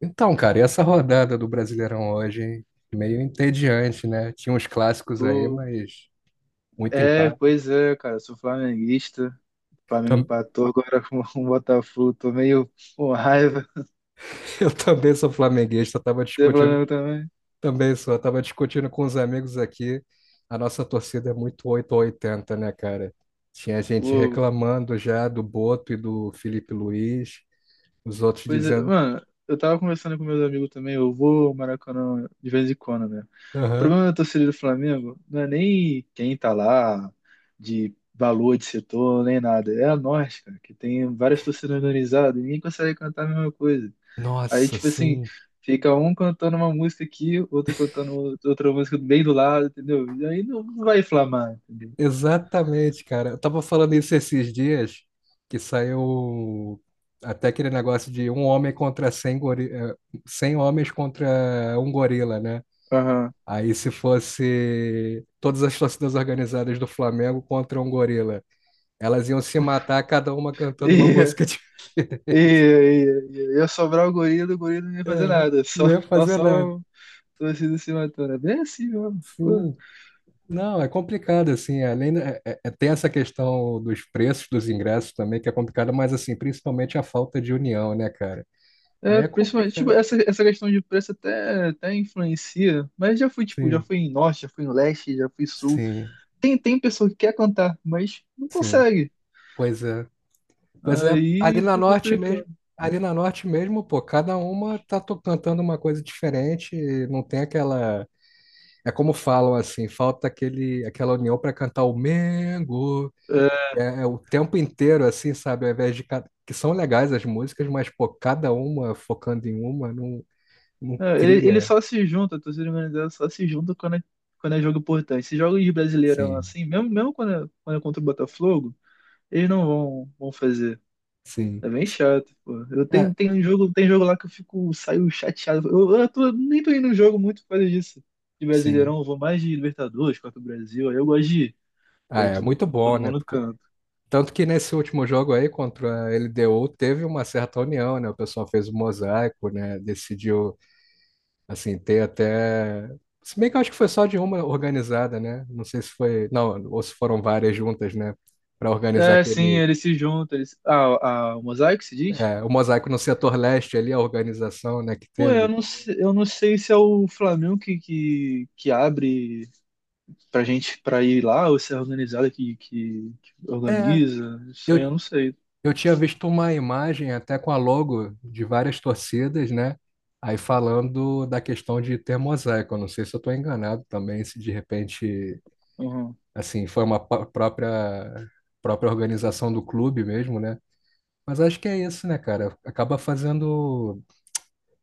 Então, cara, e essa rodada do Brasileirão hoje, hein? Meio entediante, né? Tinha uns clássicos aí, Pô, mas muito é, empate. pois é, cara, sou flamenguista. Flamengo Tam- empatou agora com o Botafogo, tô meio com raiva. Eu também sou flamenguista, tava Você é discutindo, Flamengo também? também sou, tava discutindo com os amigos aqui. A nossa torcida é muito 8 ou 80, né, cara? Tinha gente Pô, reclamando já do Boto e do Felipe Luiz, os outros pois é, dizendo, mano, eu tava conversando com meus amigos também, eu vou ao Maracanã de vez em quando, né? O aham. problema da torcida do Flamengo não é nem quem tá lá, de valor de setor, nem nada. É a nós, cara, que tem várias torcidas organizadas e ninguém consegue cantar a mesma coisa. Aí, Nossa, tipo assim, sim. fica um cantando uma música aqui, outro cantando outra música bem do lado, entendeu? E aí não vai inflamar, entendeu? Exatamente, cara. Eu tava falando isso esses dias, que saiu até aquele negócio de um homem contra 100 100 homens contra um gorila, né? Aham. Aí se fosse todas as torcidas organizadas do Flamengo contra um gorila, elas iam se matar, cada uma E, cantando uma música de... e, e ia sobrar o gorila não ia fazer É, nada, não ia fazer nada. só torcida se matando. É bem assim mesmo, pô. Sim. Não, é complicado, assim, além, tem essa questão dos preços dos ingressos também, que é complicada, mas, assim, principalmente a falta de união, né, cara? Aí É, é principalmente, tipo, complicado. Essa questão de preço até, até influencia, mas já fui, tipo, já Sim, fui em norte, já fui em leste, já fui em sul. sim, Tem pessoa que quer cantar, mas não sim. consegue. Pois é. Pois é, ali Aí na fica norte mesmo, complicado. Pô, cada uma tá cantando uma coisa diferente, e não tem aquela, é como falam assim, falta aquele aquela união para cantar o Mengo. É, É, é o tempo inteiro assim, sabe, ao invés de que são legais as músicas, mas pô, cada uma focando em uma não ele cria. só se junta, a torcida organizada só se junta quando é jogo importante. Esses jogos de Brasileirão Sim, assim, mesmo quando é contra o Botafogo, eles não vão fazer. É sim. bem chato, pô. É, Tenho um jogo, tem jogo lá que eu fico, saio chateado. Eu nem tô indo no jogo muito por causa disso. De sim. Brasileirão, eu vou mais de Libertadores, Copa do Brasil, aí eu gosto de ir. E Ah, aí é muito bom, todo né? mundo Porque canta. tanto que nesse último jogo aí contra a LDU teve uma certa união, né? O pessoal fez o mosaico, né? Decidiu, assim, ter até. Se bem que eu acho que foi só de uma organizada, né? Não sei se foi. Não, ou se foram várias juntas, né? Para organizar É, sim, aquele. eles se juntam. Eles... Ah, a, o Mosaic se diz? É, o mosaico no setor leste ali, a organização, né? Que Pô, eu teve. não, eu não sei se é o Flamengo que abre pra gente pra ir lá, ou se é a organizada que É, organiza, isso eu, aí eu não sei. eu tinha visto uma imagem até com a logo de várias torcidas, né? Aí falando da questão de ter mosaico, eu não sei se eu estou enganado também, se de repente Uhum. assim, foi uma própria organização do clube mesmo, né? Mas acho que é isso, né, cara? Acaba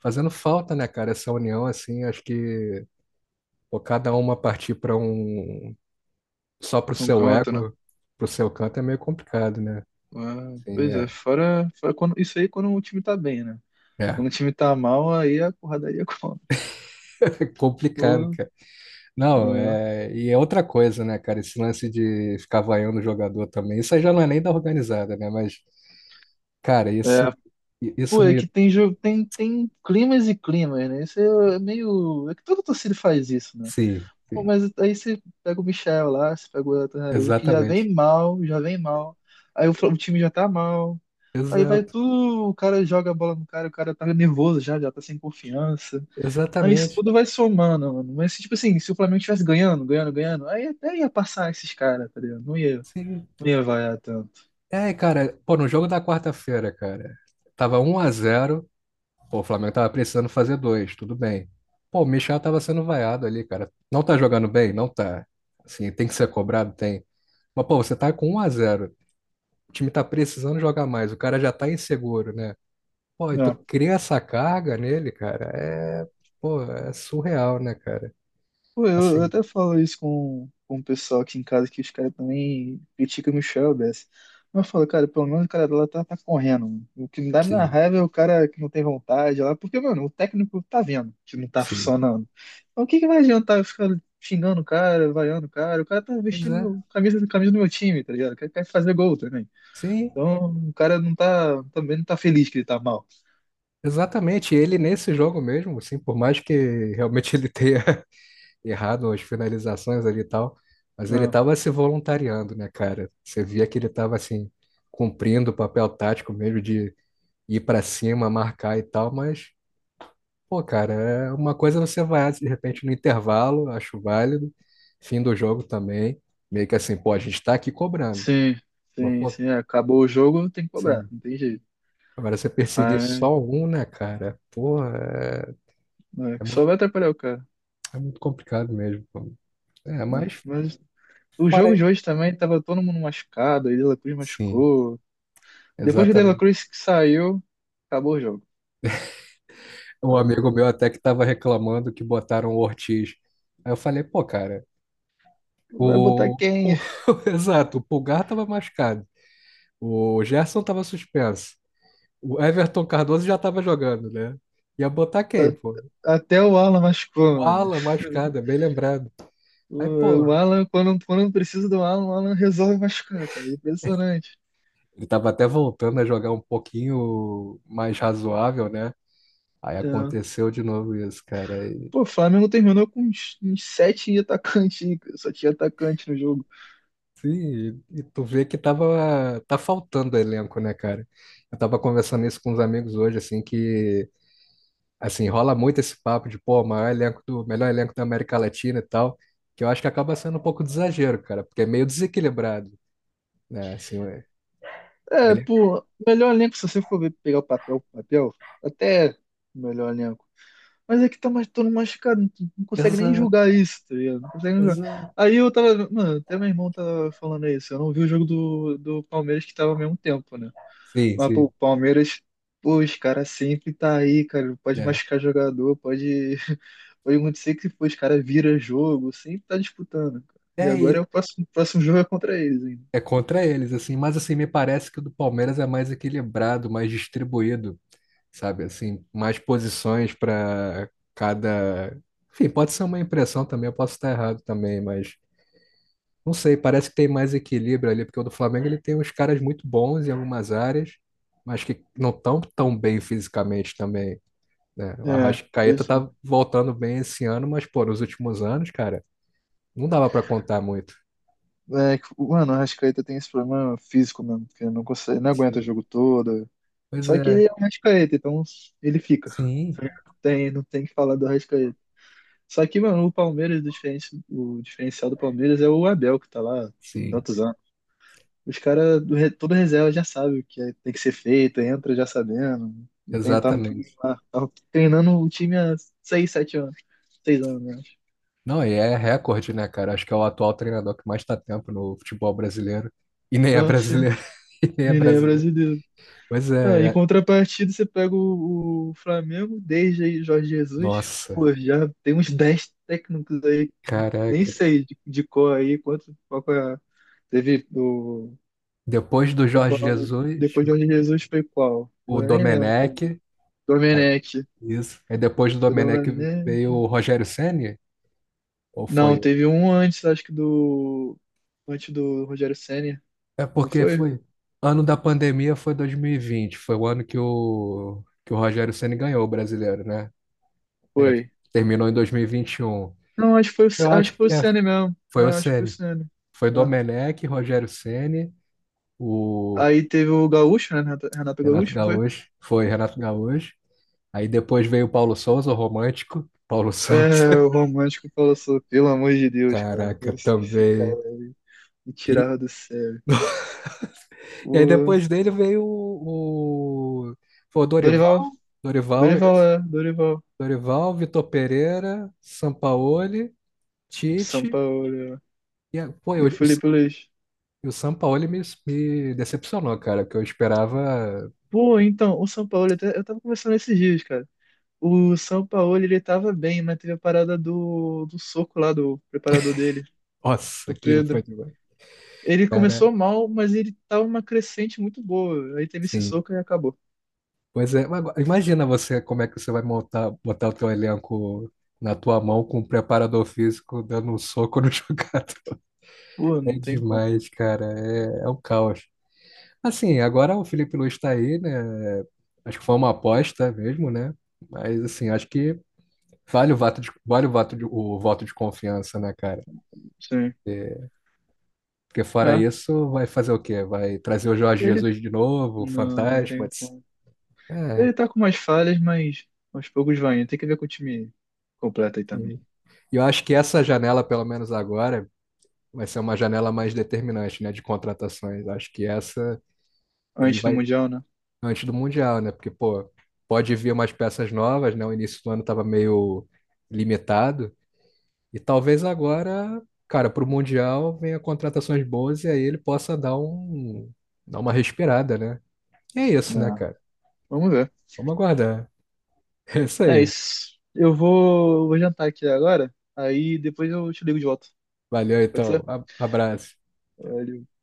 fazendo falta, né, cara, essa união, assim, acho que pô, cada uma partir para um, só pro Não seu conta, né? ego, pro seu canto é meio complicado, né? Ah, Assim, pois é, é. Fora quando, isso aí é quando o time tá bem, né? É Quando o time tá mal, aí a porradaria conta. complicado, Pô, cara. Não, é, é... e é outra coisa, né, cara? Esse lance de ficar vaiando o jogador também. Isso aí já não é nem da organizada, né? Mas, cara, é, isso pô, é me. que tem jogo, tem climas e climas, né? Isso é meio. É que toda torcida faz isso, né? Sim. Pô, Sim. mas aí você pega o Michel lá, você pega o Elton Araújo, que já Exatamente. vem mal, já vem mal. Aí o, o time já tá mal. Aí vai Exato. tu, o cara joga a bola no cara, o cara tá nervoso já, já tá sem confiança. Aí isso Exatamente. tudo vai somando, mano. Mas, tipo assim, se o Flamengo estivesse ganhando, aí até ia passar esses caras, tá ligado? Sim. Não ia vaiar tanto. É, cara, pô, no jogo da quarta-feira, cara, tava um a zero. Pô, o Flamengo tava precisando fazer dois, tudo bem. Pô, o Michel tava sendo vaiado ali, cara. Não tá jogando bem? Não tá. Assim, tem que ser cobrado? Tem. Mas, pô, você tá com um a zero, o time tá precisando jogar mais, o cara já tá inseguro, né? Pô, e tu cria essa carga nele, cara, é, pô, é surreal, né, cara? Pô, eu Assim, até falo isso com o pessoal aqui em casa, que os caras também criticam o Michel Bessi. Mas eu falo, cara, pelo menos o cara lá tá correndo, mano. O que me dá na sim, raiva é o cara que não tem vontade lá, porque, mano, o técnico tá vendo que não tá sim. funcionando. Então o que que vai adiantar eu ficar xingando o cara, vaiando o cara? O cara tá Pois é. vestindo camisa do meu time, tá ligado? Quer fazer gol também. Sim. Então o cara não tá, também não tá feliz que ele tá mal. Exatamente, ele nesse jogo mesmo, assim, por mais que realmente ele tenha errado as finalizações ali e tal, mas ele Ah, tava se voluntariando, né, cara? Você via que ele tava, assim, cumprindo o papel tático mesmo de ir pra cima, marcar e tal, mas, pô, cara, é uma coisa, você vai, de repente, no intervalo, acho válido, fim do jogo também, meio que assim, pô, a gente tá aqui cobrando, sim, mas, sim, pô, sim. É, acabou o jogo, tem que cobrar, assim, não tem jeito. agora você perseguir só um, né, cara? Pô, Né, é que só muito vai atrapalhar o cara. é muito complicado mesmo. É, Né. mas Mas o jogo fora. de hoje também tava todo mundo machucado, aí De La Cruz Sim, machucou. Depois que o De La exatamente. Cruz saiu, acabou o jogo. Um amigo Acabou. meu até que estava reclamando que botaram o Ortiz. Aí eu falei, pô, cara, Vai botar o. quem? o- Exato, o Pulgar estava machucado. O Gerson estava suspenso. O Everton Cardoso já estava jogando, né? Ia botar quem, A- pô? Até o Alan machucou, O mano. Alan machucado, é bem lembrado. Aí, pô, O Alan, quando precisa do Alan, o Alan resolve machucar, cara. Impressionante. ele tava até voltando a jogar um pouquinho mais razoável, né? Aí É. aconteceu de novo isso, cara. Pô, o Flamengo terminou com uns 7 atacantes, hein, cara. Só tinha atacante no jogo. Sim, e tu vê que tava, tá faltando elenco, né, cara? Eu tava conversando isso com uns amigos hoje, assim, que, assim, rola muito esse papo de, pô, maior elenco do, melhor elenco da América Latina e tal, que eu acho que acaba sendo um pouco de exagero, cara, porque é meio desequilibrado, né, assim, é, É, ele... pô, melhor elenco, se você for pegar o papel, até melhor elenco. Mas é que tá mais todo machucado, tu não consegue nem Exato, julgar isso, tá ligado? Não consegue nem julgar. exato. Aí eu tava, mano, até meu irmão tava falando isso. Eu não vi o jogo do Palmeiras que tava ao mesmo tempo, né? Sim, Mas, pô, o sim, Palmeiras, pô, os caras sempre tá aí, cara. Pode né? machucar jogador, pode, pode acontecer que pô, os caras vira jogo, sempre tá disputando, cara. E É, agora é ele, o próximo jogo é contra eles ainda. é contra eles, assim, mas, assim, me parece que o do Palmeiras é mais equilibrado, mais distribuído, sabe? Assim, mais posições para cada. Enfim, pode ser uma impressão também, eu posso estar errado também, mas não sei, parece que tem mais equilíbrio ali, porque o do Flamengo ele tem uns caras muito bons em algumas áreas, mas que não estão tão bem fisicamente também, né? O É, Arrascaeta pois é. tá voltando bem esse ano, mas, pô, nos últimos anos, cara, não dava para contar muito. É, que, mano, o Arrascaeta tem esse problema físico mesmo, porque não consegue, não aguenta o Sim. jogo todo. Pois Só que ele é, é o Arrascaeta, então ele fica. sim, Não não tem que falar do Arrascaeta. Só que, mano, o Palmeiras, o o diferencial do Palmeiras é o Abel, que tá lá há sim, tantos anos. Os caras, toda reserva já sabe o que tem que ser feito, entra já sabendo. E tentar não exatamente. treinar. Tava treinando o time há 6, 7 anos. 6 anos, né? Não, e é recorde, né, cara? Acho que é o atual treinador que mais está tempo no futebol brasileiro. E nem é Ah, sim. brasileiro. E nem é Nenê é brasileiro. brasileiro. Pois Ah, é, em contrapartida, você pega o Flamengo, desde aí Jorge Jesus. nossa, Pô, já tem uns 10 técnicos aí, nem caraca. sei de cor aí quanto qual teve o Depois do qual que é Jorge o nome Jesus, depois de Jorge Jesus foi qual? o Agora nem lembro também. Domenech. Aí, Domenech. isso. Aí depois do Foi Domenech veio Domenech. o Rogério Ceni? Ou Não, foi? teve um antes, acho que do antes do Rogério Ceni, É não porque foi? foi. Ano da pandemia foi 2020. Foi o ano que o Rogério Ceni ganhou o brasileiro, né? É, que Foi. terminou em 2021. Não, acho que foi o Eu acho acho que foi o que é, Ceni mesmo. É, foi o acho que foi o Ceni. Ceni. Foi É. Domenech, Rogério Ceni, o Aí teve o Gaúcho, né? Renato Renato Gaúcho, não foi? Gaúcho. Foi Renato Gaúcho. Aí depois veio o Paulo Souza, o romântico. Paulo Souza. É, o romântico falou assim, pelo amor de Deus, cara. Caraca, Esse também. cara aí me E, tirava do sério. e aí O depois dele veio foi o Dorival. Dorival, Dorival, Dorival isso. é, Dorival, Dorival, Vitor Pereira, Sampaoli, Tite. Sampaoli E, pô, e o Felipe Luiz. o Sampaoli me decepcionou, cara, que eu esperava. Pô, então, o Sampaoli, até- eu tava conversando esses dias, cara. O Sampaoli, ele tava bem, mas teve a parada do soco lá do preparador dele, Nossa, do aquilo foi Pedro. demais. Ele Cara, começou mal, mas ele tava uma crescente muito boa. Aí teve esse sim. soco e acabou. Pois é, mas agora, imagina você como é que você vai montar, botar o teu elenco na tua mão com um preparador físico dando um soco no jogador. Pô, É não tem como. demais, cara. É um caos. Assim, agora o Felipe Luiz tá aí, né? Acho que foi uma aposta mesmo, né? Mas assim, acho que vale o voto de, vale o voto de confiança, né, cara? Sim. Porque fora É, isso, vai fazer o quê? Vai trazer o Jorge ele. Jesus de novo, o Não, não Fantasma. tem como. Ele É, tá com umas falhas, mas aos poucos vai indo. Tem que ver com o time completo aí também. sim. E eu acho que essa janela, pelo menos agora, vai ser uma janela mais determinante, né, de contratações. Acho que essa ele Antes do vai Mundial, né? antes do Mundial, né? Porque, pô, pode vir umas peças novas, né? O início do ano estava meio limitado. E talvez agora, cara, para o Mundial venha contratações boas e aí ele possa dar uma respirada, né? E é isso, né, Não. cara? Vamos ver. Vamos aguardar. É isso É aí. isso. Vou jantar aqui agora, aí depois eu te ligo de volta. Valeu, Pode então. Abraço. ser?